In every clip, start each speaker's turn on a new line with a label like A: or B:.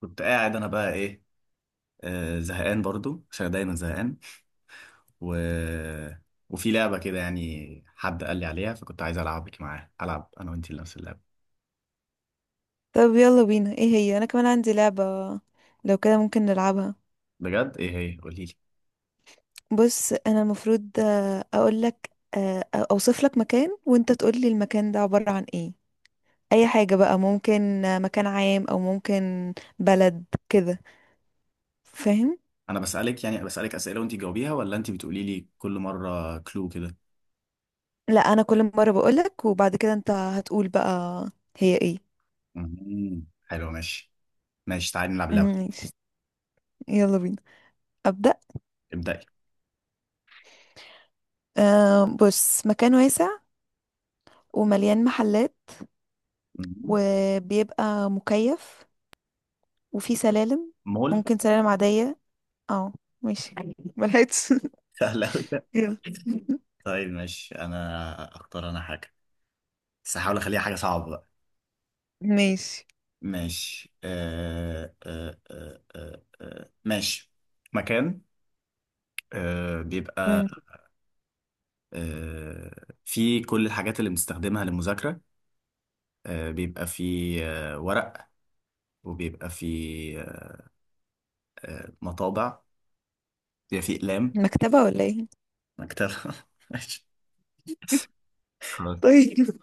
A: كنت قاعد انا بقى ايه. آه، زهقان برضو عشان دايما زهقان. و... وفي لعبة كده، يعني حد قال لي عليها، فكنت عايز العبك معاه. العب انا وانتي نفس اللعبة.
B: طب يلا بينا، ايه هي؟ انا كمان عندي لعبة. لو كده ممكن نلعبها.
A: بجد ايه هي؟ قولي لي.
B: بص انا المفروض اقول لك. اوصف لك مكان وانت تقول لي المكان ده عبارة عن ايه. اي حاجة بقى، ممكن مكان عام او ممكن بلد كده. فاهم؟
A: انا بسألك يعني، بسألك أسئلة وانتي بتقوليها، ولا انتي بتقولي لي كل مرة كلو كده؟
B: لا، انا كل مرة بقول لك وبعد كده انت هتقول بقى هي ايه.
A: مهم. حلو، ماشي. ماشي، تعالي نلعب اللعبة دي.
B: ماشي، يلا بينا، ابدأ.
A: ابدأي.
B: أه بص، مكان واسع ومليان محلات
A: مهم.
B: وبيبقى مكيف وفي سلالم.
A: مول.
B: ممكن سلالم عادية. اه. ماشي. ملحقتش
A: سهل أوي ده.
B: يلا.
A: طيب ماشي، انا اختار انا حاجة. بس هحاول اخليها حاجة صعبة بقى.
B: ماشي.
A: ماشي. ماشي. مكان، بيبقى
B: مم.
A: آه فيه كل الحاجات اللي بنستخدمها للمذاكرة. آه، بيبقى فيه ورق، وبيبقى فيه آه، مطابع، بيبقى فيه أقلام.
B: مكتبة ولا ايه؟
A: مكتبة. ماشي. خلاص.
B: طيب.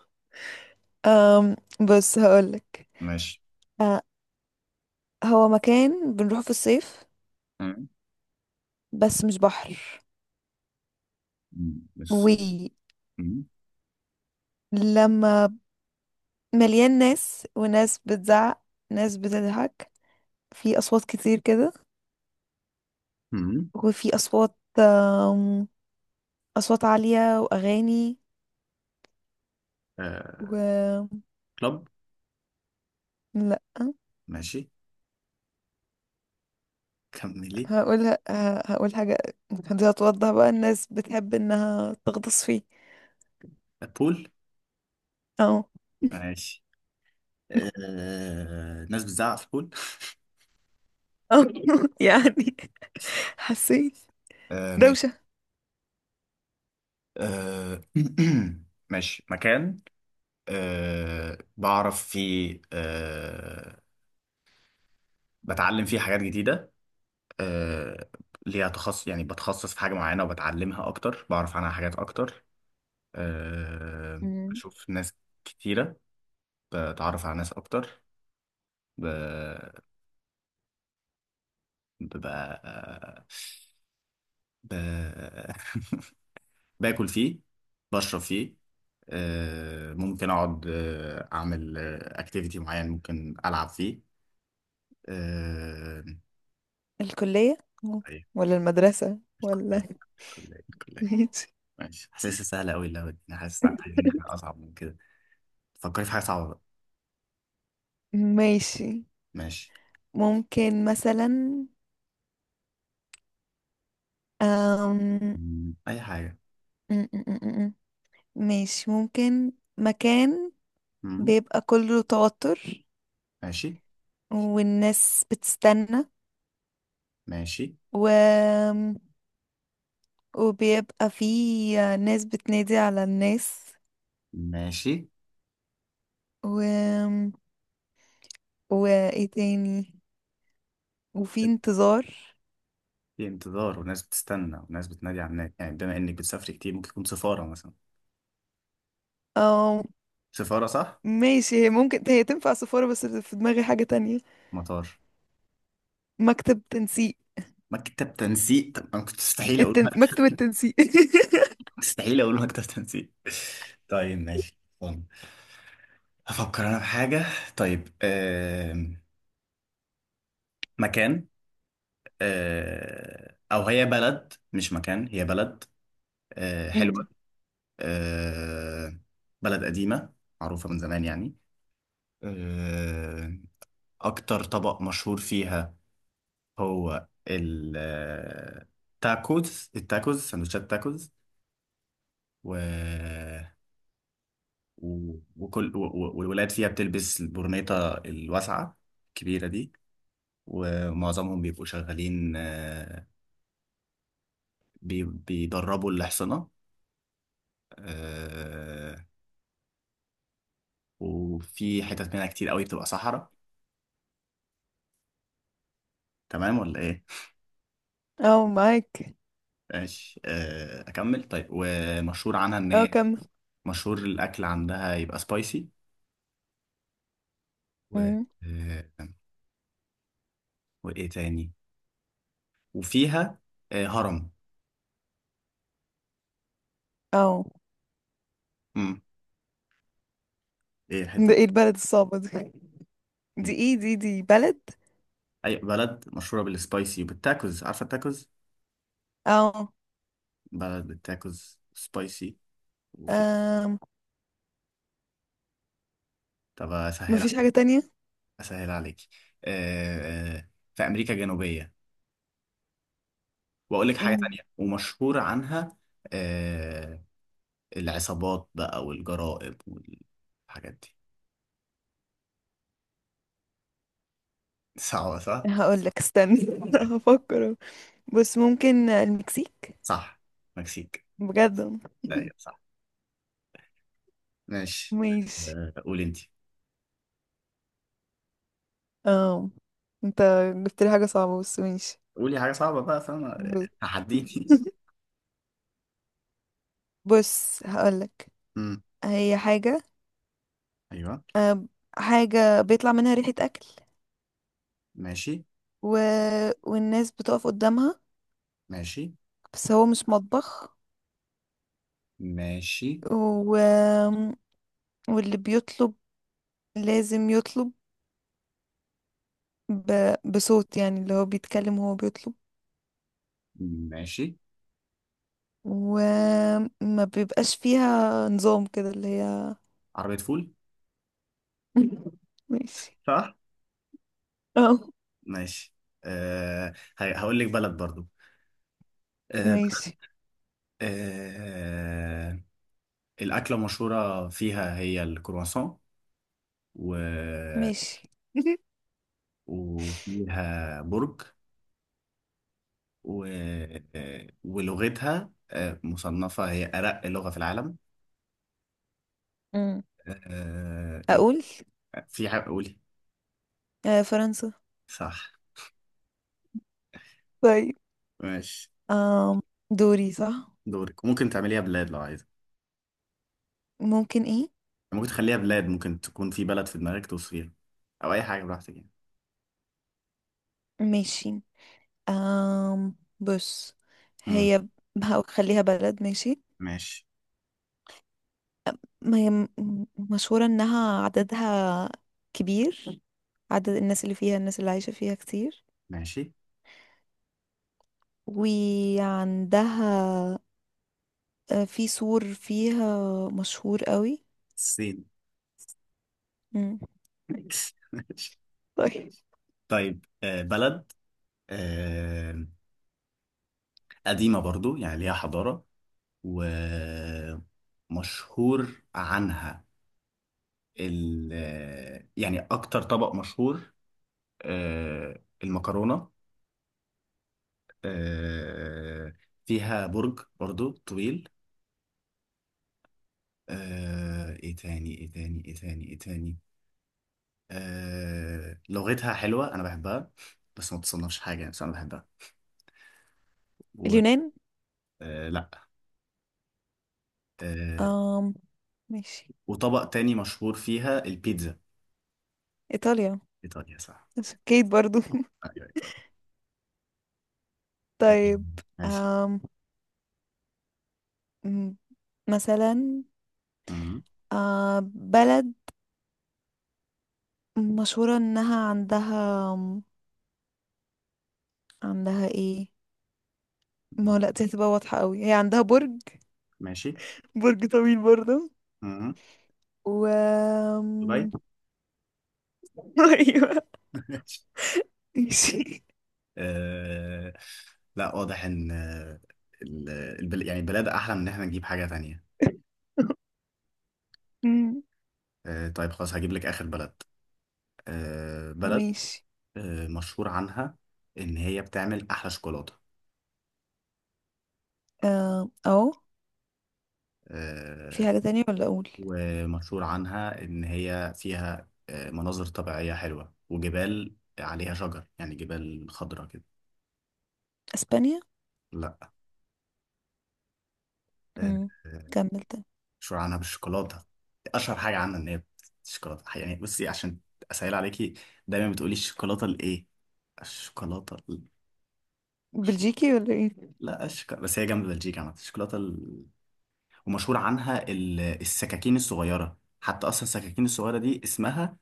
B: أم بص هقولك.
A: ماشي.
B: أه، هو مكان بنروحه في الصيف
A: مم.
B: بس مش بحر.
A: مم. بس.
B: ولما
A: مم.
B: مليان ناس وناس بتزعق، ناس بتضحك، في أصوات كتير كده.
A: مم.
B: وفي أصوات أم، أصوات عالية وأغاني.
A: آه،
B: و
A: كلوب.
B: لا.
A: ماشي، كملي.
B: هقول ه- هقول حاجة دي هتوضح بقى. الناس بتحب انها تغطس فيه.
A: آه، بول.
B: اه.
A: ماشي. آه، ناس بتزعق في البول.
B: اه، يعني حسيت
A: آه ماشي.
B: دوشة.
A: آه، ماشي. مكان آه، بعرف فيه آه، بتعلم فيه حاجات جديدة. آه، ليها تخصص، يعني بتخصص في حاجة معينة وبتعلمها أكتر، بعرف عنها حاجات أكتر. آه،
B: مم.
A: بشوف ناس كتيرة، بتعرف على ناس أكتر. ب... ببقى ب... باكل فيه، بشرب فيه. آه، ممكن أقعد آه، أعمل أكتيفيتي معين، ممكن ألعب فيه. آه...
B: الكلية. مم.
A: أيوة.
B: ولا المدرسة ولا
A: الكلية الكلية الكلية.
B: ماشي.
A: ماشي، حاسسها سهلة أوي اللعبة دي. أنا حاسس إن عايزين إن إحنا أصعب من كده. فكري في حاجة صعبة بقى.
B: ماشي
A: ماشي.
B: ممكن مثلا أم...
A: مم، أي حاجة.
B: م- م- م- م. ماشي ممكن مكان
A: مم.
B: بيبقى كله توتر،
A: ماشي.
B: والناس بتستنى،
A: ماشي.
B: و وبيبقى فيه ناس بتنادي على الناس.
A: ماشي.
B: و... وايه تاني؟ وفي انتظار.
A: في انتظار وناس بتستنى وناس بتنادي على الناس، يعني بما إنك بتسافري كتير، ممكن تكون سفارة مثلا.
B: اه،
A: سفارة صح؟
B: ماشي. هي ممكن هي تنفع سفارة بس في دماغي حاجة تانية.
A: مطار.
B: مكتب تنسيق.
A: مكتب تنسيق. طب أنا كنت مستحيل أقول
B: مكتب
A: مكتب.
B: التنسيق.
A: مستحيل أقول مكتب تنسيق. طيب ماشي طيب. هفكر أنا في حاجة. طيب آم، مكان، آه، او هي بلد مش مكان، هي بلد. آه،
B: مم.
A: حلوه. آه، بلد قديمه، معروفه من زمان يعني. آه، اكتر طبق مشهور فيها هو التاكوز. التاكوز سندوتشات تاكوز. و والولاد فيها بتلبس البرنيطة الواسعة الكبيرة دي. ومعظمهم بيبقوا شغالين آه، بيدربوا الأحصنة. وفي حتت منها كتير قوي بتبقى صحراء. تمام ولا ايه؟
B: اه، معاك.
A: ماشي، آه، اكمل. طيب ومشهور عنها ان
B: اه،
A: هي،
B: كمل.
A: مشهور الاكل عندها يبقى سبايسي. و
B: مم.
A: آه، وايه تاني؟ وفيها آه، هرم.
B: اه.
A: امم، ايه
B: ده
A: الحته
B: ايه البلد الصعبة دي؟
A: دي؟
B: دي ايه؟ دي بلد؟
A: اي بلد مشهوره بالسبايسي وبالتاكوز؟ عارفه التاكوز؟
B: اه.
A: بلد بالتاكوز سبايسي. وفي،
B: آم،
A: طب اسهل
B: مفيش حاجة
A: عليك.
B: تانية.
A: اسهل عليك. آه، آه، في امريكا الجنوبيه. واقول لك حاجه
B: مم.
A: تانية ومشهور عنها آه، العصابات بقى والجرائم والحاجات دي. صعبة صح؟
B: هقولك استنى. هفكر. بس ممكن المكسيك؟
A: صح، مكسيك.
B: بجد.
A: ايوه صح. ماشي.
B: ماشي.
A: آه، قول انت.
B: اه، انت جبت لي حاجة صعبة بس ماشي.
A: قولي حاجة صعبة بقى، فاهمة؟
B: بص.
A: تحديني.
B: بص هقولك.
A: أمم.
B: هي حاجة.
A: ايوه.
B: حاجة بيطلع منها ريحة أكل.
A: ماشي.
B: و... والناس بتقف قدامها
A: ماشي.
B: بس هو مش مطبخ.
A: ماشي.
B: و... واللي بيطلب لازم يطلب ب... بصوت، يعني اللي هو بيتكلم وهو بيطلب.
A: ماشي.
B: وما بيبقاش فيها نظام كده اللي هي.
A: عربية فول.
B: ماشي.
A: صح؟
B: اه.
A: ماشي. أه، هقول لك بلد برضو. أه.
B: ماشي.
A: أه، الأكلة المشهورة فيها هي الكرواسون و...
B: ماشي.
A: وفيها برج. و... آه، ولغتها آه، مصنفة هي أرق لغة في العالم.
B: امم
A: آه، آه، إيه؟
B: اقول
A: في حاجة، قولي.
B: فرنسا.
A: صح.
B: طيب.
A: ماشي.
B: آم دوري صح.
A: دورك، ممكن تعمليها بلاد لو عايزة.
B: ممكن ايه؟
A: ممكن تخليها بلاد، ممكن تكون في بلد في دماغك توصفيها، أو أي حاجة براحتك يعني.
B: ماشي. بص.
A: مم.
B: هي ب- هخليها بلد، ماشي.
A: ماشي.
B: ما هي مشهورة انها عددها كبير. عدد الناس اللي فيها، الناس اللي عايشة فيها كتير.
A: ماشي.
B: وعندها في سور فيها مشهور قوي.
A: الصين.
B: مم.
A: ماشي.
B: طيب
A: طيب آه، بلد آه، قديمة برضو يعني ليها حضارة. ومشهور عنها ال، يعني أكتر طبق مشهور آه، المكرونة. آه، فيها برج برضو طويل. آه، ايه تاني؟ آه، لغتها حلوة انا بحبها. بس ما تصنفش حاجة يعني، بس انا بحبها. و
B: اليونان.
A: آه، لا، آه،
B: آم ماشي.
A: وطبق تاني مشهور فيها البيتزا.
B: ايطاليا.
A: ايطاليا صح.
B: كيت برضو
A: ايوه ايطاليا. آه،
B: طيب.
A: ماشي.
B: آم، م- مثلا
A: مم.
B: بلد مشهورة انها عندها. عندها ايه؟ ما هو لا، دي هتبقى واضحة قوي. هي عندها برج.
A: ماشي.
B: برج طويل برضه.
A: مم.
B: و
A: دبي.
B: آم، ايوه. ماشي.
A: آه لا، واضح ان آه، يعني البلاد احلى من ان احنا نجيب حاجة تانية.
B: مم،
A: آه طيب خلاص، هجيب لك اخر بلد. آه بلد،
B: ماشي.
A: آه، مشهور عنها ان هي بتعمل احلى شوكولاتة.
B: اهو. في
A: آه،
B: حاجة تانية ولا اقول؟
A: ومشهور عنها ان هي فيها آه، مناظر طبيعية حلوة، وجبال عليها شجر يعني، جبال خضراء كده.
B: اسبانيا.
A: لا.
B: مم،
A: آه،
B: كمل تاني.
A: مشهورة عنها بالشوكولاتة. أشهر حاجة عنها إن هي الشوكولاتة. يعني بصي، عشان أسهل عليكي، دايما بتقولي الشوكولاتة الإيه؟ الشوكولاتة ال...
B: بلجيكي ولا ايه؟
A: لا، الشوكولاتة بس هي جنب بلجيكا عامة. الشوكولاتة ال... ومشهور عنها ال... السكاكين الصغيرة، حتى أصلا السكاكين الصغيرة دي اسمها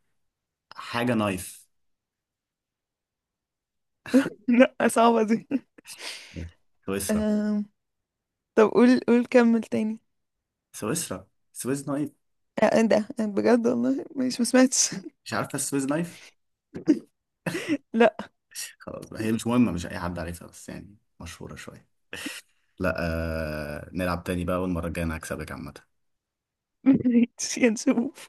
A: حاجة نايف.
B: لا صعبة دي.
A: سويسرا.
B: آم، طب قول قول كمل تاني.
A: سويسرا. سويس نايف.
B: ايه ده بجد؟ والله ماشي، ما سمعتش.
A: مش عارفة السويس نايف؟
B: لا.
A: خلاص بقى، هي مش مهمة، مش أي حد عارفها، بس يعني مشهورة شوية. لا. نلعب تاني بقى، والمرة الجاية أنا هكسبك عامة.
B: ماشي، هنشوف.